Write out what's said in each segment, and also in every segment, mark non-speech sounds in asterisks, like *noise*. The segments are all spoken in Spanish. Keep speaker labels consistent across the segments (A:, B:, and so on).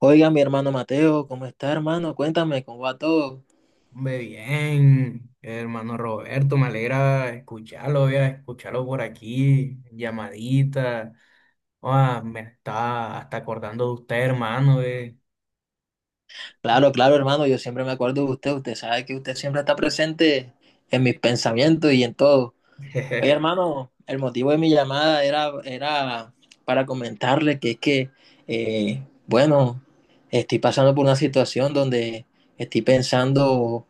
A: Oiga, mi hermano Mateo, ¿cómo está, hermano? Cuéntame, ¿cómo va todo?
B: Hombre, bien, hermano Roberto, me alegra escucharlo, ya, escucharlo por aquí, llamadita. Ah, me está hasta acordando de usted, hermano.
A: Claro, claro, hermano, yo siempre me acuerdo de usted. Usted sabe que usted siempre está presente en mis pensamientos y en todo. Oye,
B: *laughs*
A: hermano, el motivo de mi llamada era para comentarle que es que, bueno, estoy pasando por una situación donde estoy pensando,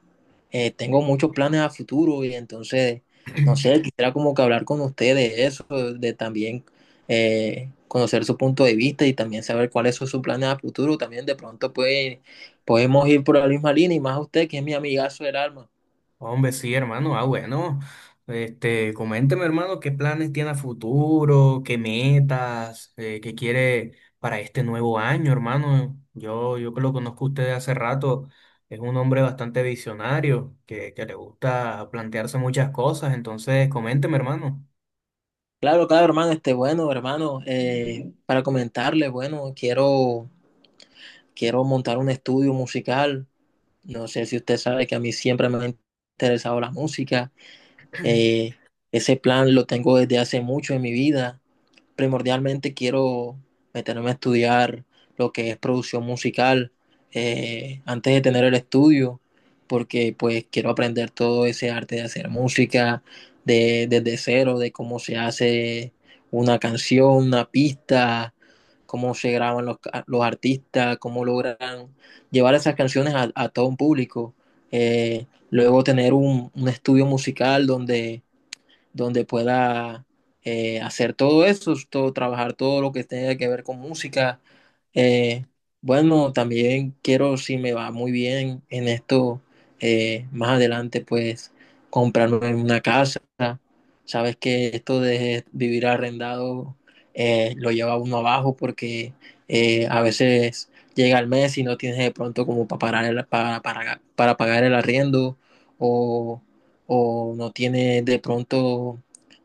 A: tengo muchos planes a futuro y entonces, no sé, quisiera como que hablar con usted de eso, de también conocer su punto de vista y también saber cuáles son sus planes a futuro. También de pronto puede, podemos ir por la misma línea y más usted que es mi amigazo del alma.
B: Hombre, sí, hermano. Ah, bueno. Coménteme, hermano, qué planes tiene a futuro, qué metas, qué quiere para este nuevo año, hermano. Yo que lo conozco a usted de hace rato, es un hombre bastante visionario, que le gusta plantearse muchas cosas. Entonces, coménteme, hermano.
A: Claro, claro, hermano, este, bueno, hermano, para comentarle, bueno, quiero montar un estudio musical. No sé si usted sabe que a mí siempre me ha interesado la música. Eh, Ese plan lo tengo desde hace mucho en mi vida, primordialmente quiero meterme a estudiar lo que es producción musical, antes de tener el estudio, porque pues quiero aprender todo ese arte de hacer música desde cero, de cómo se hace una canción, una pista, cómo se graban los artistas, cómo logran llevar esas canciones a todo un público. Luego tener un estudio musical donde pueda hacer todo eso, todo, trabajar todo lo que tenga que ver con música. Eh, bueno, también quiero, si me va muy bien en esto, más adelante, pues comprarme una casa. Sabes que esto de vivir arrendado lo lleva uno abajo porque a veces llega el mes y no tienes de pronto como para pagar para pagar el arriendo o no tiene de pronto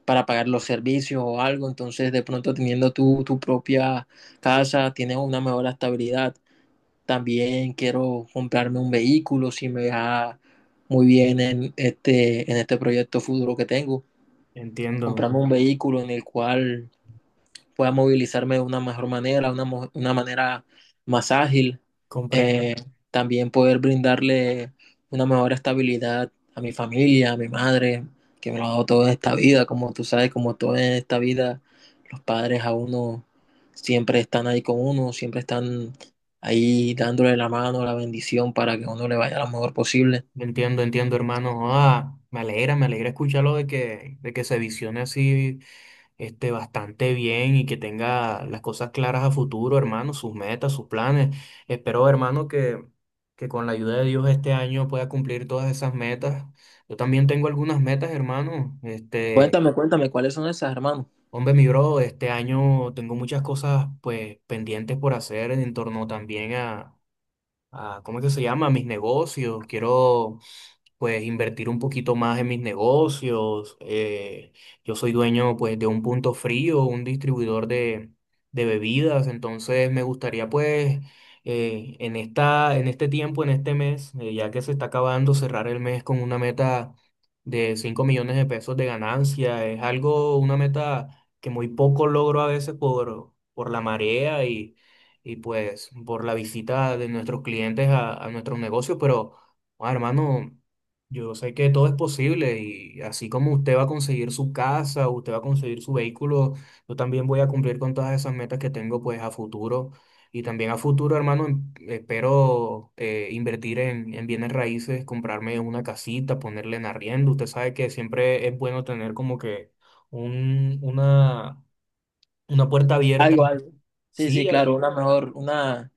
A: para pagar los servicios o algo, entonces de pronto teniendo tu propia casa tienes una mejor estabilidad. También quiero comprarme un vehículo si me va muy bien en en este proyecto futuro que tengo.
B: Entiendo,
A: Comprarme un vehículo en el cual pueda movilizarme de una mejor manera, una manera más ágil, eh,
B: comprendo.
A: también poder brindarle una mejor estabilidad a mi familia, a mi madre, que me lo ha dado toda esta vida, como tú sabes, como toda esta vida, los padres a uno siempre están ahí con uno, siempre están ahí dándole la mano, la bendición para que uno le vaya lo mejor posible.
B: Entiendo, entiendo, hermano. Ah, me alegra escucharlo de que se visione así bastante bien y que tenga las cosas claras a futuro, hermano, sus metas, sus planes. Espero, hermano, que con la ayuda de Dios este año pueda cumplir todas esas metas. Yo también tengo algunas metas, hermano.
A: Cuéntame, cuéntame, ¿cuáles son esas, hermano?
B: Hombre, mi bro, este año tengo muchas cosas pues pendientes por hacer en torno también a ¿cómo es que se llama? A mis negocios. Quiero pues invertir un poquito más en mis negocios. Yo soy dueño pues de un punto frío, un distribuidor de bebidas, entonces me gustaría pues en este tiempo, en este mes, ya que se está acabando, cerrar el mes con una meta de 5 millones de pesos de ganancia. Es algo, una meta que muy poco logro a veces por la marea y pues por la visita de nuestros clientes a nuestros negocios, pero... Ah, hermano, yo sé que todo es posible y así como usted va a conseguir su casa, usted va a conseguir su vehículo, yo también voy a cumplir con todas esas metas que tengo pues a futuro. Y también a futuro, hermano, espero invertir en bienes raíces, comprarme una casita, ponerle en arriendo. Usted sabe que siempre es bueno tener como que un, una, una puerta abierta.
A: Algo, algo. Sí,
B: Sí,
A: sí, claro, una mejor, una,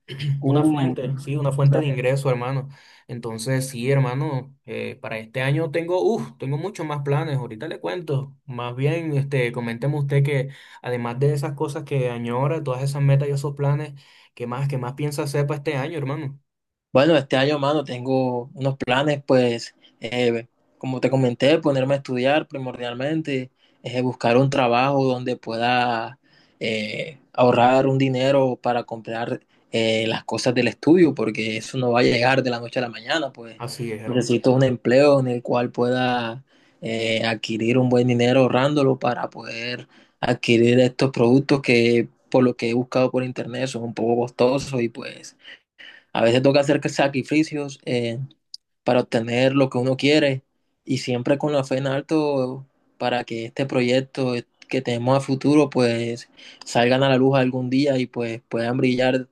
B: una
A: un,
B: fuente de ingreso, hermano. Entonces, sí, hermano, para este año tengo, uff, tengo muchos más planes, ahorita le cuento. Más bien, coménteme usted que además de esas cosas que añora, todas esas metas y esos planes, ¿qué más piensa hacer para este año, hermano?
A: bueno, este año, mano, tengo unos planes, pues, como te comenté, ponerme a estudiar primordialmente, buscar un trabajo donde pueda ahorrar un dinero para comprar las cosas del estudio, porque eso no va a llegar de la noche a la mañana, pues
B: Así es, hermano.
A: necesito un empleo en el cual pueda adquirir un buen dinero ahorrándolo para poder adquirir estos productos que por lo que he buscado por internet son un poco costosos y pues... A veces toca hacer sacrificios, para obtener lo que uno quiere y siempre con la fe en alto para que este proyecto que tenemos a futuro pues salgan a la luz algún día y pues puedan brillar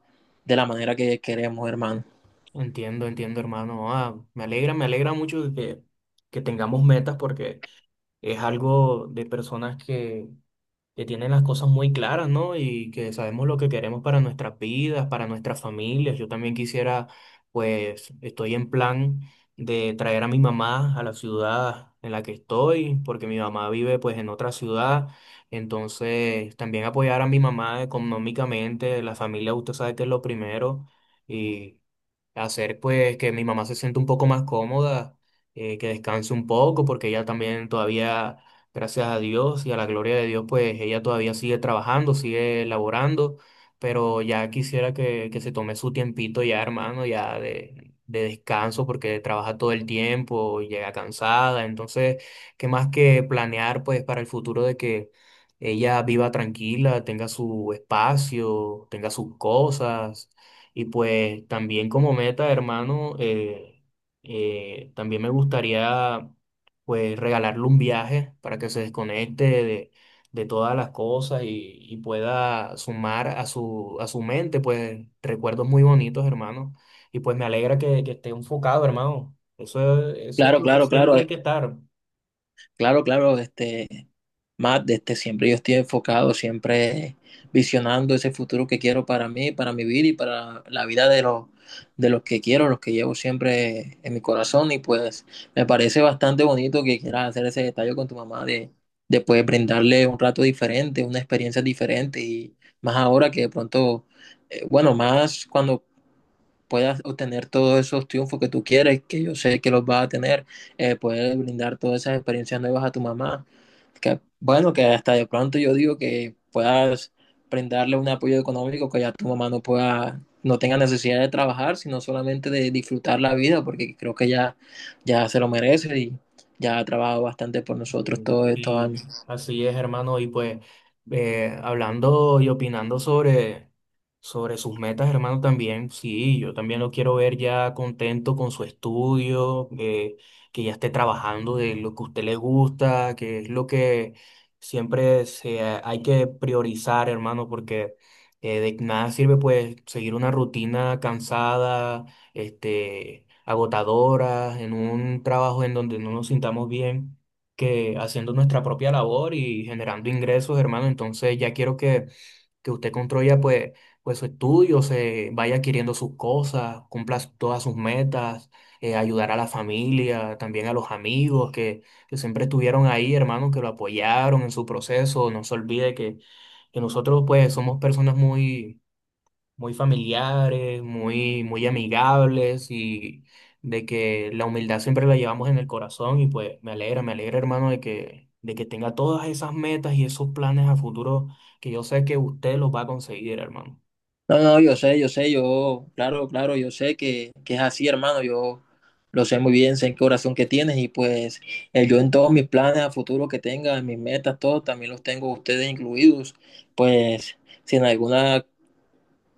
A: de la manera que queremos, hermano.
B: Entiendo, entiendo, hermano. Ah, me alegra mucho que tengamos metas porque es algo de personas que tienen las cosas muy claras, ¿no? Y que sabemos lo que queremos para nuestras vidas, para nuestras familias. Yo también quisiera, pues, estoy en plan de traer a mi mamá a la ciudad en la que estoy, porque mi mamá vive, pues, en otra ciudad. Entonces, también apoyar a mi mamá económicamente, la familia, usted sabe que es lo primero, y hacer, pues, que mi mamá se sienta un poco más cómoda. Que descanse un poco porque ella también todavía, gracias a Dios y a la gloria de Dios, pues ella todavía sigue trabajando, sigue laborando, pero ya quisiera que se tome su tiempito ya, hermano, de descanso, porque trabaja todo el tiempo, llega cansada, entonces, ¿qué más que planear, pues, para el futuro de que ella viva tranquila, tenga su espacio, tenga sus cosas, y pues también como meta, hermano, también me gustaría pues regalarle un viaje para que se desconecte de todas las cosas y pueda sumar a su mente, pues recuerdos muy bonitos, hermano. Y pues me alegra que esté enfocado, hermano. Eso es
A: Claro,
B: lo que
A: claro, claro.
B: siempre hay que estar.
A: Claro, claro, este, Matt, este, siempre yo estoy enfocado, siempre visionando ese futuro que quiero para mí, para mi vida y para la vida de de los que quiero, los que llevo siempre en mi corazón. Y pues me parece bastante bonito que quieras hacer ese detalle con tu mamá de pues, brindarle un rato diferente, una experiencia diferente. Y más ahora que de pronto, bueno, más cuando puedas obtener todos esos triunfos que tú quieres, que yo sé que los vas a tener, poder brindar todas esas experiencias nuevas a tu mamá, que bueno, que hasta de pronto yo digo que puedas brindarle un apoyo económico que ya tu mamá no pueda, no tenga necesidad de trabajar, sino solamente de disfrutar la vida, porque creo que ya, ya se lo merece y ya ha trabajado bastante por nosotros todos estos
B: Y
A: años.
B: así es, hermano. Y pues hablando y opinando sobre sus metas, hermano, también, sí, yo también lo quiero ver ya contento con su estudio, que ya esté trabajando de lo que a usted le gusta, que es lo que siempre hay que priorizar, hermano, porque de nada sirve pues seguir una rutina cansada, agotadora, en un trabajo en donde no nos sintamos bien que haciendo nuestra propia labor y generando ingresos, hermano. Entonces ya quiero que usted construya pues su estudio, se vaya adquiriendo sus cosas, cumpla todas sus metas, ayudar a la familia, también a los amigos que siempre estuvieron ahí, hermano, que lo apoyaron en su proceso. No se olvide que nosotros pues somos personas muy familiares, muy amigables y de que la humildad siempre la llevamos en el corazón y pues me alegra hermano de que tenga todas esas metas y esos planes a futuro que yo sé que usted los va a conseguir, hermano.
A: No, no, claro, claro, yo sé que es así, hermano, yo lo sé muy bien, sé en qué oración que tienes y pues yo en todos mis planes a futuro que tenga, en mis metas, todo, también los tengo ustedes incluidos, pues si en algún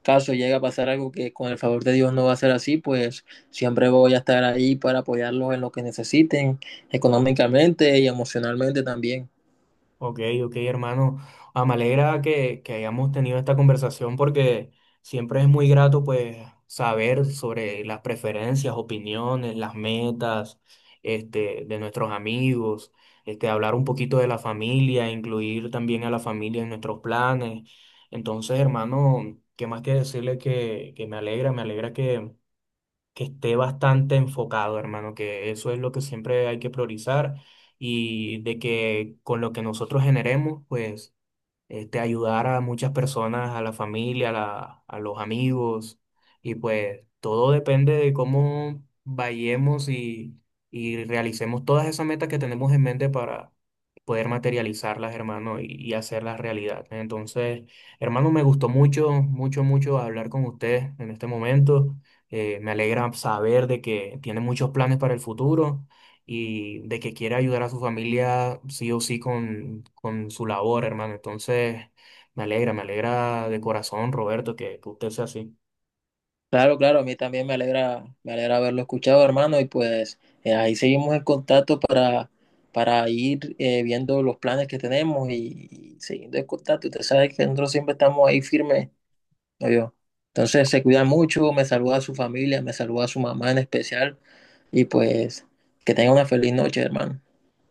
A: caso llega a pasar algo que con el favor de Dios no va a ser así, pues siempre voy a estar ahí para apoyarlos en lo que necesiten, económicamente y emocionalmente también.
B: Ok, ok, hermano. Ah, me alegra que hayamos tenido esta conversación porque siempre es muy grato pues saber sobre las preferencias, opiniones, las metas de nuestros amigos, hablar un poquito de la familia, incluir también a la familia en nuestros planes. Entonces, hermano, qué más que decirle que me alegra que esté bastante enfocado, hermano, que eso es lo que siempre hay que priorizar y de que con lo que nosotros generemos, pues ayudar a muchas personas, a la familia, a los amigos, y pues todo depende de cómo vayamos y realicemos todas esas metas que tenemos en mente para poder materializarlas, hermano, y hacerlas realidad. Entonces, hermano, me gustó mucho, mucho, mucho hablar con usted en este momento. Me alegra saber de que tiene muchos planes para el futuro y de que quiere ayudar a su familia sí o sí con su labor, hermano. Entonces, me alegra de corazón, Roberto, que usted sea así.
A: Claro, claro, a mí también me alegra haberlo escuchado, hermano, y pues ahí seguimos en contacto para ir viendo los planes que tenemos y siguiendo en contacto. Usted sabe que nosotros siempre estamos ahí firmes, ¿no yo? Entonces se cuida mucho, me saluda a su familia, me saluda a su mamá en especial, y pues que tenga una feliz noche, hermano.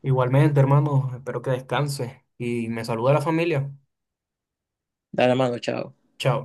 B: Igualmente, hermano, espero que descanse y me saluda a la familia.
A: Dale, hermano, chao.
B: Chao.